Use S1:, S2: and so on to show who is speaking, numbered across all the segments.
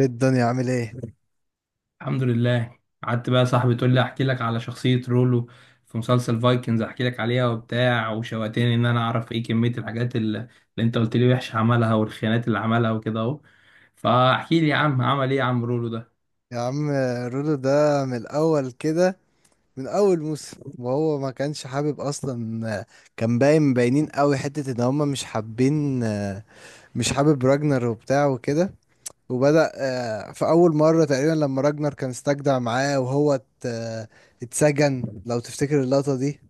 S1: ايه الدنيا عامل ايه
S2: الحمد لله، قعدت بقى يا صاحبي تقول لي احكي لك على شخصية رولو في مسلسل فايكنز، احكي لك عليها وبتاع وشوقتني ان انا اعرف ايه كمية الحاجات اللي انت قلت لي وحش عملها والخيانات اللي عملها وكده اهو. فاحكي لي يا عم، عمل ايه يا عم رولو ده؟
S1: يا عم؟ رودو ده من الاول كده، من اول موسم وهو ما كانش حابب اصلا. كان باين باينين قوي حتة ان هما مش حابين، مش حابب راجنر وبتاع وكده. وبدأ في اول مرة تقريبا لما راجنر كان استجدع معاه وهو اتسجن، لو تفتكر اللقطة دي.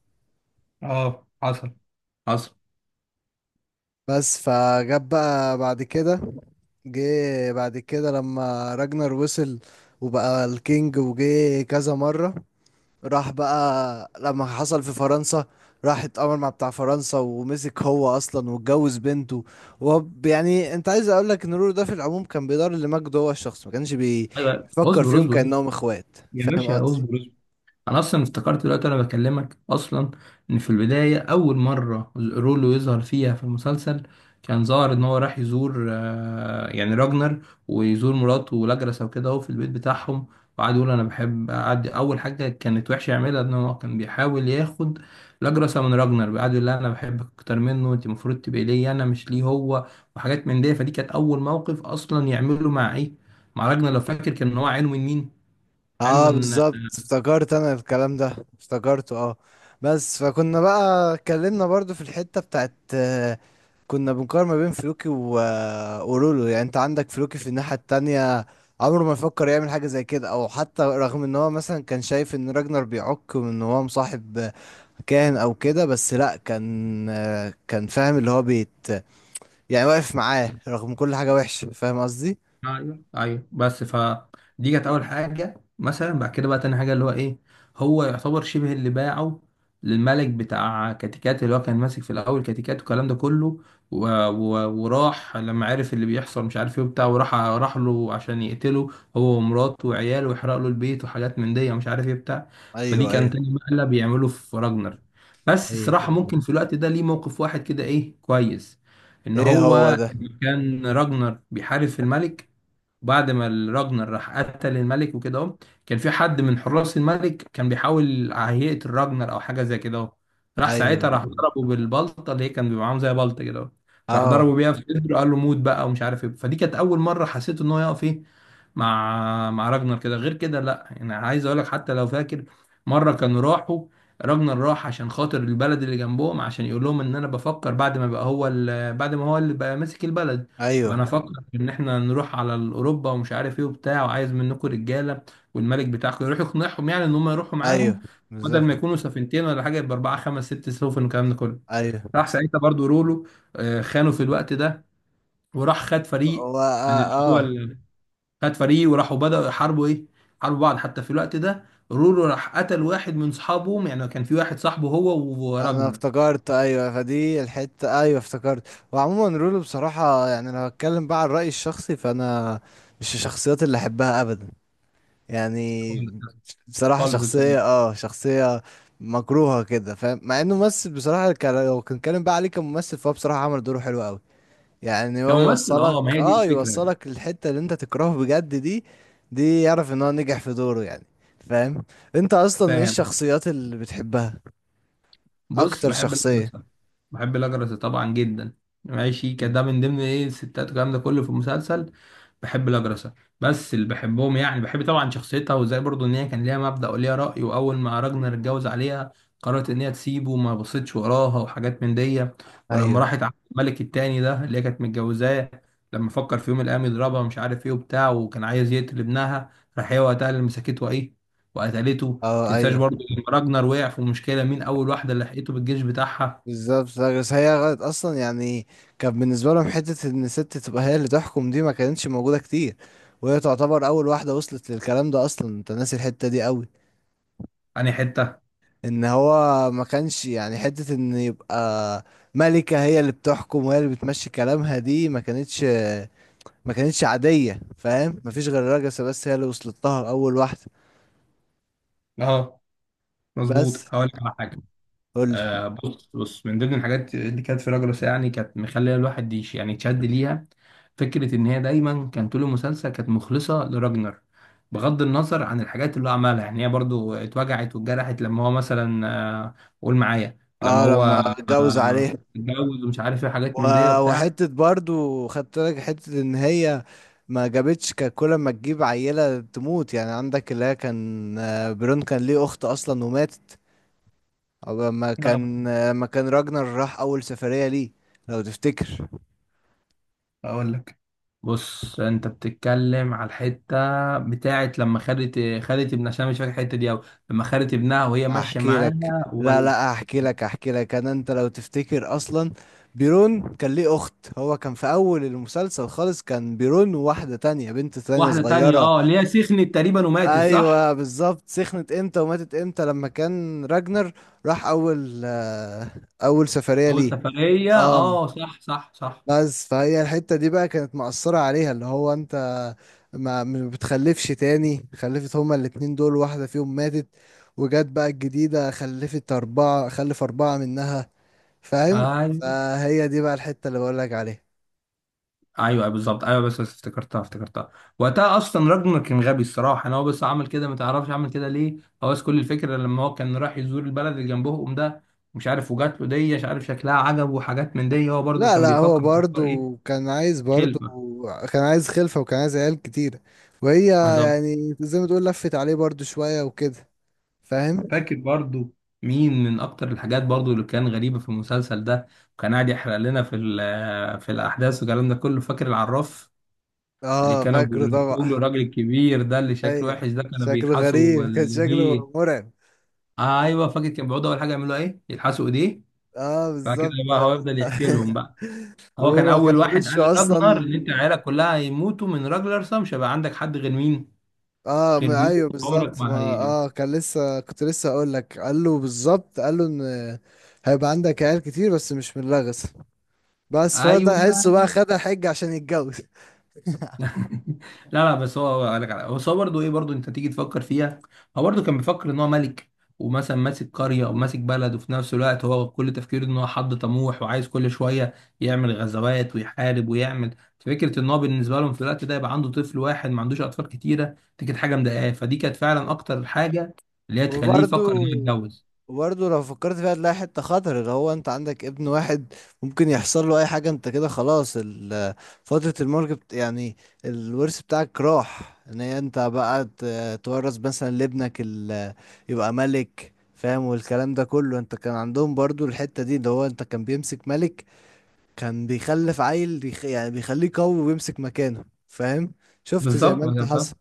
S2: اه، حصل حصل.
S1: بس فجاب بقى بعد كده، جه بعد كده لما راجنر وصل وبقى الكينج، وجه كذا مرة. راح بقى لما حصل في فرنسا، راح اتأمر مع بتاع فرنسا ومسك هو اصلا واتجوز بنته. وهو يعني انت عايز اقول لك ان رورو ده في العموم كان بيدار لمجد، هو الشخص ما كانش
S2: أيوة،
S1: بيفكر
S2: اصبر اصبر
S1: فيهم
S2: اصبر.
S1: كأنهم اخوات.
S2: يا
S1: فاهم
S2: باشا
S1: قصدي؟
S2: اصبر. انا اصلا افتكرت دلوقتي انا بكلمك اصلا ان في البدايه اول مره رولو يظهر فيها في المسلسل كان ظاهر ان هو راح يزور يعني راجنر ويزور مراته ولاجرسا وكده اهو في البيت بتاعهم، وقعد يقول انا بحب، قعد اول حاجه كانت وحشه يعملها ان هو كان بيحاول ياخد لاجرسا من راجنر، قعد يقول لها انا بحبك اكتر منه، انت المفروض تبقي ليا انا مش ليه هو، وحاجات من دي. فدي كانت اول موقف اصلا يعمله مع ايه، مع راجنر. لو فاكر كان هو عينه من مين؟ عينه
S1: اه
S2: من
S1: بالظبط، افتكرت انا الكلام ده، افتكرته اه. بس فكنا بقى اتكلمنا برضو في الحتة بتاعت كنا بنقارن ما بين فلوكي و... آه، ورولو. يعني انت عندك فلوكي في الناحية التانية، عمره ما يفكر يعمل حاجة زي كده، او حتى رغم ان هو مثلا كان شايف ان راجنر بيعك وان هو مصاحب كاهن او كده، بس لا، كان كان فاهم اللي هو بيت، يعني واقف معاه رغم كل حاجة وحشة. فاهم قصدي؟
S2: ايوه ايوه. بس دي كانت اول حاجه، مثلا بعد كده بقى تاني حاجه اللي هو ايه، هو يعتبر شبه اللي باعه للملك بتاع كاتيكات، اللي هو كان ماسك في الاول كاتيكات والكلام ده كله، و... وراح لما عرف اللي بيحصل مش عارف ايه وبتاع، وراح راح له عشان يقتله هو ومراته وعياله ويحرق له البيت وحاجات من دي ومش عارف ايه بتاع. فدي
S1: ايوه
S2: كان
S1: ايوه
S2: تاني مقلب بيعمله في راجنر. بس
S1: ايوه.
S2: الصراحه ممكن في الوقت ده ليه موقف واحد كده ايه كويس، ان
S1: ايه هو
S2: هو
S1: ده.
S2: كان راجنر بيحارب في الملك بعد ما الراجنر راح قتل الملك وكده اهو، كان في حد من حراس الملك كان بيحاول هيئة الراجنر او حاجه زي كده اهو، راح
S1: ايوه
S2: ساعتها راح ضربه بالبلطه اللي هي كان بيبقى معاهم زي بلطه كده اهو، راح
S1: اه
S2: ضربه بيها في صدره قال له موت بقى ومش عارف ايه. فدي كانت اول مره حسيت ان هو يقف ايه مع راجنر كده، غير كده لا. يعني عايز اقول لك، حتى لو فاكر مره كانوا راحوا راجنر راح عشان خاطر البلد اللي جنبهم عشان يقول لهم ان انا بفكر بعد ما بقى هو بعد ما هو اللي بقى ماسك البلد
S1: ايوه
S2: وانا افكر ان احنا نروح على اوروبا ومش عارف ايه وبتاع، وعايز منكم رجاله والملك بتاعكم يروح يقنعهم يعني ان هم يروحوا معاهم
S1: ايوه
S2: بدل ما
S1: بالظبط
S2: يكونوا سفينتين ولا حاجه يبقى اربعه خمس ست سفن والكلام ده كله.
S1: ايوه.
S2: راح ساعتها برضو رولو خانه في الوقت ده وراح خد فريق
S1: هو
S2: من
S1: اه,
S2: اللي هو
S1: آه.
S2: خد فريق وراحوا بدأوا يحاربوا ايه، حاربوا بعض. حتى في الوقت ده رورو راح قتل واحد من صحابهم، يعني كان في واحد صاحبه هو
S1: انا
S2: وراجنر.
S1: افتكرت ايوه، فدي الحته ايوه افتكرت. وعموما رولو بصراحه، يعني لو هتكلم بقى عن رايي الشخصي، فانا مش الشخصيات اللي احبها ابدا
S2: خالص.
S1: يعني. بصراحه
S2: خالص الصراحه.
S1: شخصيه اه، شخصيه مكروهه كده، فاهم؟ مع انه ممثل بصراحه، لو كان بقى عليه كممثل، فهو بصراحه عمل دوره حلو قوي. يعني هو
S2: كممثل اه، ما هي دي الفكره يعني.
S1: يوصلك الحتة اللي انت تكرهه بجد دي. دي يعرف ان هو نجح في دوره يعني، فاهم؟ انت اصلا ايه
S2: فاهم.
S1: الشخصيات اللي بتحبها؟
S2: بص
S1: اكتر
S2: بحب
S1: شخصية؟
S2: الاجرس، بحب الاجرس طبعا جدا، ماشي
S1: مم.
S2: كده من ضمن ايه الستات والكلام ده كله في المسلسل، بحب الاجرسة. بس اللي بحبهم يعني بحب طبعا شخصيتها وازاي برضو ان هي كان ليها مبدأ وليها رأي، واول ما راجنر اتجوز عليها قررت ان هي تسيبه وما بصيتش وراها وحاجات من دي.
S1: اييوه.
S2: ولما راحت على الملك التاني ده اللي هي كانت متجوزاه لما فكر في يوم من الايام يضربها مش عارف ايه وبتاع وكان عايز يقتل ابنها، راح هي وقتها اللي مسكته ايه وقتلته.
S1: اه
S2: تنساش
S1: ايوه
S2: برضو لما راجنر وقع في مشكلة مين أول واحدة اللي لحقته بالجيش بتاعها.
S1: بالظبط. لا، بس هي غلط اصلا يعني. كان بالنسبة لهم حتة ان ست تبقى هي اللي تحكم، دي ما كانتش موجودة كتير، وهي تعتبر اول واحدة وصلت للكلام ده اصلا. انت ناسي الحتة دي قوي؟
S2: أنهي حتة؟
S1: ان هو ما كانش يعني حتة ان يبقى ملكة هي اللي بتحكم وهي اللي بتمشي كلامها، دي ما كانتش عادية. فاهم؟ مفيش غير راجسة، بس هي اللي وصلت لها اول واحدة.
S2: أه مظبوط،
S1: بس
S2: هقول لك على حاجة.
S1: قولي.
S2: آه بص بص من ضمن الحاجات اللي كانت في راجلوس يعني كانت مخليه الواحد يش يعني يتشد ليها، فكرة إن هي دايما كان طول المسلسل كانت مخلصة لراجنر بغض النظر عن الحاجات اللي هو عملها. يعني هي برضو اتوجعت واتجرحت لما هو مثلا آه قول معايا لما
S1: اه لما
S2: هو
S1: اتجوز
S2: آه
S1: عليها.
S2: اتجوز ومش عارف ايه حاجات من دي وبتاع.
S1: وحتة برضو خدت لك حتة ان هي ما جابتش، كان كل ما تجيب عيلة تموت. يعني عندك اللي هي كان برون كان ليه اخت اصلا وماتت، أو لما كان راجنر راح اول سفرية ليه، لو تفتكر.
S2: اقول لك، بص انت بتتكلم على الحته بتاعت لما خدت خدت ابنها، عشان أنا مش فاكر الحته دي قوي. لما خدت ابنها وهي ماشيه
S1: احكي لك
S2: معاها
S1: لا
S2: ولا
S1: لا، احكي لك انا، انت لو تفتكر اصلا، بيرون كان ليه اخت. هو كان في اول المسلسل خالص كان بيرون وواحدة تانية، بنت تانية
S2: واحده تانية
S1: صغيرة.
S2: اه اللي هي سخنت تقريبا وماتت صح.
S1: ايوه بالظبط، سخنت امتى وماتت امتى؟ لما كان راجنر راح اول سفرية
S2: اول
S1: ليه،
S2: سفريه
S1: اه.
S2: اه صح صح صح.
S1: بس فهي الحتة دي بقى كانت مأثرة عليها، اللي هو انت ما بتخلفش تاني. خلفت هما الاتنين دول، واحدة فيهم ماتت، وجت بقى الجديدة خلفت أربعة، خلف أربعة منها. فاهم؟
S2: ايوه
S1: فهي دي بقى الحتة اللي بقولك عليها.
S2: ايوه أيوة، بالظبط ايوه. بس افتكرتها افتكرتها وقتها اصلا راجنر كان غبي الصراحه، انا هو بس عمل كده ما تعرفش عمل كده ليه. هو بس كل الفكره لما هو كان راح يزور البلد اللي جنبهم ده، مش عارف وجات له دي مش عارف شكلها عجب وحاجات من دي، هو برضو
S1: لا
S2: كان
S1: لا، هو
S2: بيفكر في حوار ايه،
S1: برضو
S2: خلفه.
S1: كان عايز خلفة، وكان عايز عيال كتيرة، وهي
S2: بالظبط.
S1: يعني زي ما تقول لفت عليه برضو شوية وكده، فاهم؟
S2: فاكر برضو مين من اكتر الحاجات برضو اللي كان غريبه في المسلسل ده وكان قاعد يحرق لنا في الاحداث والكلام ده كله، فاكر العراف اللي
S1: اه
S2: كانوا
S1: فاكره
S2: بيروحوا
S1: طبعا.
S2: له الراجل الكبير ده اللي شكله
S1: ايوه.
S2: وحش ده كانوا
S1: شكله
S2: بيلحسوا.
S1: غريب، كان شكله مرعب.
S2: ايوه فاكر، كان بيقعدوا اول حاجه يعملوا ايه يلحسوا ايديه،
S1: اه
S2: بعد كده
S1: بالظبط.
S2: بقى هو يفضل يحكي لهم بقى. هو كان
S1: هو
S2: اول
S1: كان
S2: واحد قال
S1: وشه اصلا.
S2: لراجنر ان انت عيالك كلها هيموتوا من راجلر، مش هيبقى عندك حد غير مين
S1: اه
S2: غير
S1: ما
S2: بيهم
S1: ايوه
S2: عمرك
S1: بالظبط، ما
S2: ما هي.
S1: كان لسه كنت لسه اقول لك، قال له بالظبط، قال له ان هيبقى عندك عيال كتير، بس مش من لغز. بس فهو
S2: ايوه.
S1: ده هيحسه بقى، خد الحج عشان يتجوز.
S2: لا لا بس هو قال لك على هو، بس هو برضه ايه برضه انت تيجي تفكر فيها. هو برضه كان بيفكر ان هو ملك ومثلا ماسك قريه وماسك بلد، وفي نفس الوقت هو كل تفكيره ان هو حد طموح وعايز كل شويه يعمل غزوات ويحارب، ويعمل فكره ان هو بالنسبه لهم في الوقت ده يبقى عنده طفل واحد ما عندوش اطفال كتيره، دي كانت حاجه مضايقاه. فدي كانت فعلا اكتر حاجه اللي هي تخليه يفكر ان
S1: وبرضو
S2: هو يتجوز.
S1: وبرضو لو فكرت فيها تلاقي حتة خطر، اللي هو انت عندك ابن واحد، ممكن يحصل له اي حاجة، انت كده خلاص فترة الملك يعني الورث بتاعك راح، ان هي انت بقى تورث مثلا لابنك يبقى ملك. فاهم؟ والكلام ده كله، انت كان عندهم برضو الحتة دي، اللي هو انت كان بيمسك ملك كان بيخلف عيل يعني بيخليه قوي ويمسك مكانه، فاهم؟ شفت زي ما
S2: بالظبط ما
S1: انت
S2: ده فاهم.
S1: حصل.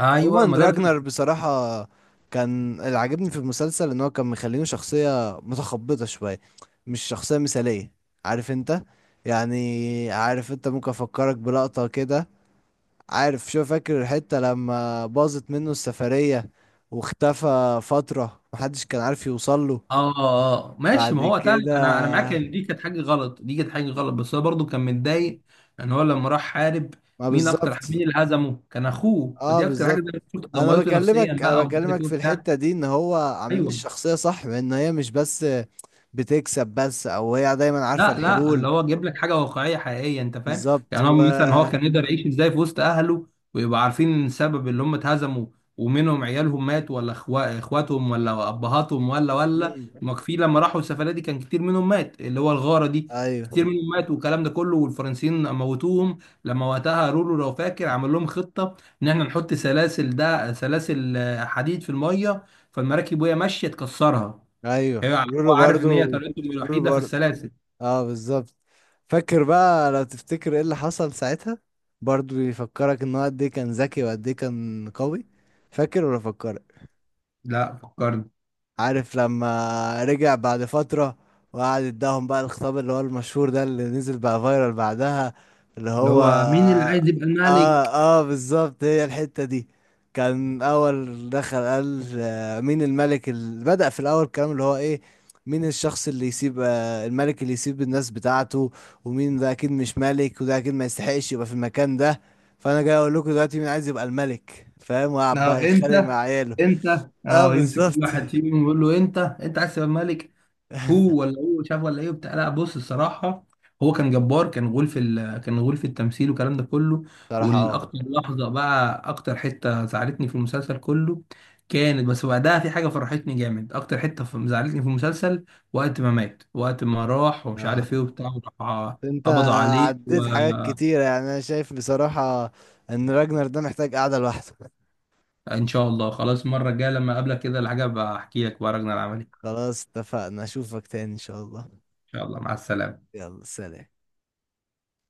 S2: ايوه
S1: عموما
S2: ما ده اللي
S1: راجنر بصراحة كان اللي عجبني في المسلسل، ان هو كان مخلينه شخصية متخبطة شوية، مش شخصية مثالية. عارف انت؟ يعني عارف انت، ممكن افكرك بلقطة كده. عارف، شو فاكر الحتة لما باظت منه السفرية، واختفى فترة محدش كان عارف يوصله؟
S2: اه اه آه. ماشي،
S1: بعد
S2: ما هو وقتها انا
S1: كده
S2: انا معاك ان دي كانت حاجه غلط، دي كانت حاجه غلط بس هو برضه كان متضايق ان هو لما راح حارب
S1: ما
S2: مين اكتر،
S1: بالظبط.
S2: مين اللي هزمه كان اخوه.
S1: اه
S2: فدي اكتر حاجه زي
S1: بالظبط.
S2: ما قلت لك، دمرته نفسيا
S1: انا
S2: بقى ومش عارف
S1: بكلمك
S2: ايه
S1: في
S2: وبتاع.
S1: الحتة دي، ان هو عاملين
S2: ايوه.
S1: الشخصية صح، وان هي مش بس بتكسب بس، او هي دايما عارفة
S2: لا لا،
S1: الحلول.
S2: اللي هو جايب لك حاجه واقعيه حقيقيه انت فاهم،
S1: بالظبط
S2: يعني هو
S1: و.
S2: مثلا هو كان يقدر يعيش ازاي في وسط اهله ويبقى عارفين السبب اللي هم اتهزموا ومنهم عيالهم مات ولا اخواتهم ولا ابهاتهم ولا
S1: مم.
S2: ما في. لما راحوا السفريه دي كان كتير منهم مات اللي هو الغاره دي، كتير
S1: ايوه
S2: منهم مات والكلام ده كله والفرنسيين موتوهم. لما وقتها رولو لو فاكر عمل لهم خطه ان احنا نحط سلاسل ده سلاسل آه، حديد في الميه فالمراكب وهي ماشيه تكسرها.
S1: ايوه.
S2: هو عارف ان هي طريقتهم
S1: رولو
S2: الوحيده في
S1: برضو،
S2: السلاسل.
S1: اه بالظبط. فاكر بقى، لو تفتكر ايه اللي حصل ساعتها؟ برضو يفكرك ان هو قد ايه كان ذكي وقد ايه كان قوي. فاكر ولا فكرك؟
S2: لا فكرني
S1: عارف لما رجع بعد فترة، وقعد اداهم بقى الخطاب اللي هو المشهور ده، اللي نزل بقى فايرال بعدها، اللي
S2: اللي
S1: هو
S2: هو مين اللي عايز يبقى الملك.
S1: اه بالظبط هي الحتة دي. كان اول دخل قال مين الملك اللي بدأ في الاول الكلام اللي هو ايه؟ مين الشخص اللي يسيب الملك، اللي يسيب الناس بتاعته؟ ومين ده اكيد مش ملك، وده اكيد ما يستحقش يبقى في المكان ده. فانا جاي اقول لكم دلوقتي، مين عايز يبقى الملك؟ فاهم؟ وقعد
S2: اه
S1: بقى يتخانق
S2: انت
S1: مع عياله.
S2: انت
S1: اه
S2: اه يمسك كل
S1: بالظبط.
S2: واحد فيهم ويقول له انت انت عايز تبقى الملك. هو ولا هو شاف ولا ايه بتاع، لا بص الصراحه هو كان جبار، كان غول في التمثيل والكلام ده كله.
S1: صراحة اه.
S2: والاكتر لحظه بقى، اكتر حته زعلتني في المسلسل كله كانت، بس بعدها في حاجه فرحتني جامد، اكتر حته زعلتني في المسلسل وقت ما مات، وقت ما راح ومش
S1: اه
S2: عارف ايه وبتاع. وراح
S1: انت
S2: قبضوا عليه.
S1: عديت حاجات كتيرة يعني. انا شايف بصراحة ان راجنر ده محتاج قعدة لوحده.
S2: ان شاء الله خلاص المره الجايه لما اقابلك كده الحاجه بحكي لك بقى رجل العملي. ان
S1: خلاص اتفقنا، اشوفك تاني ان شاء الله.
S2: شاء الله مع السلامه.
S1: يلا سلام.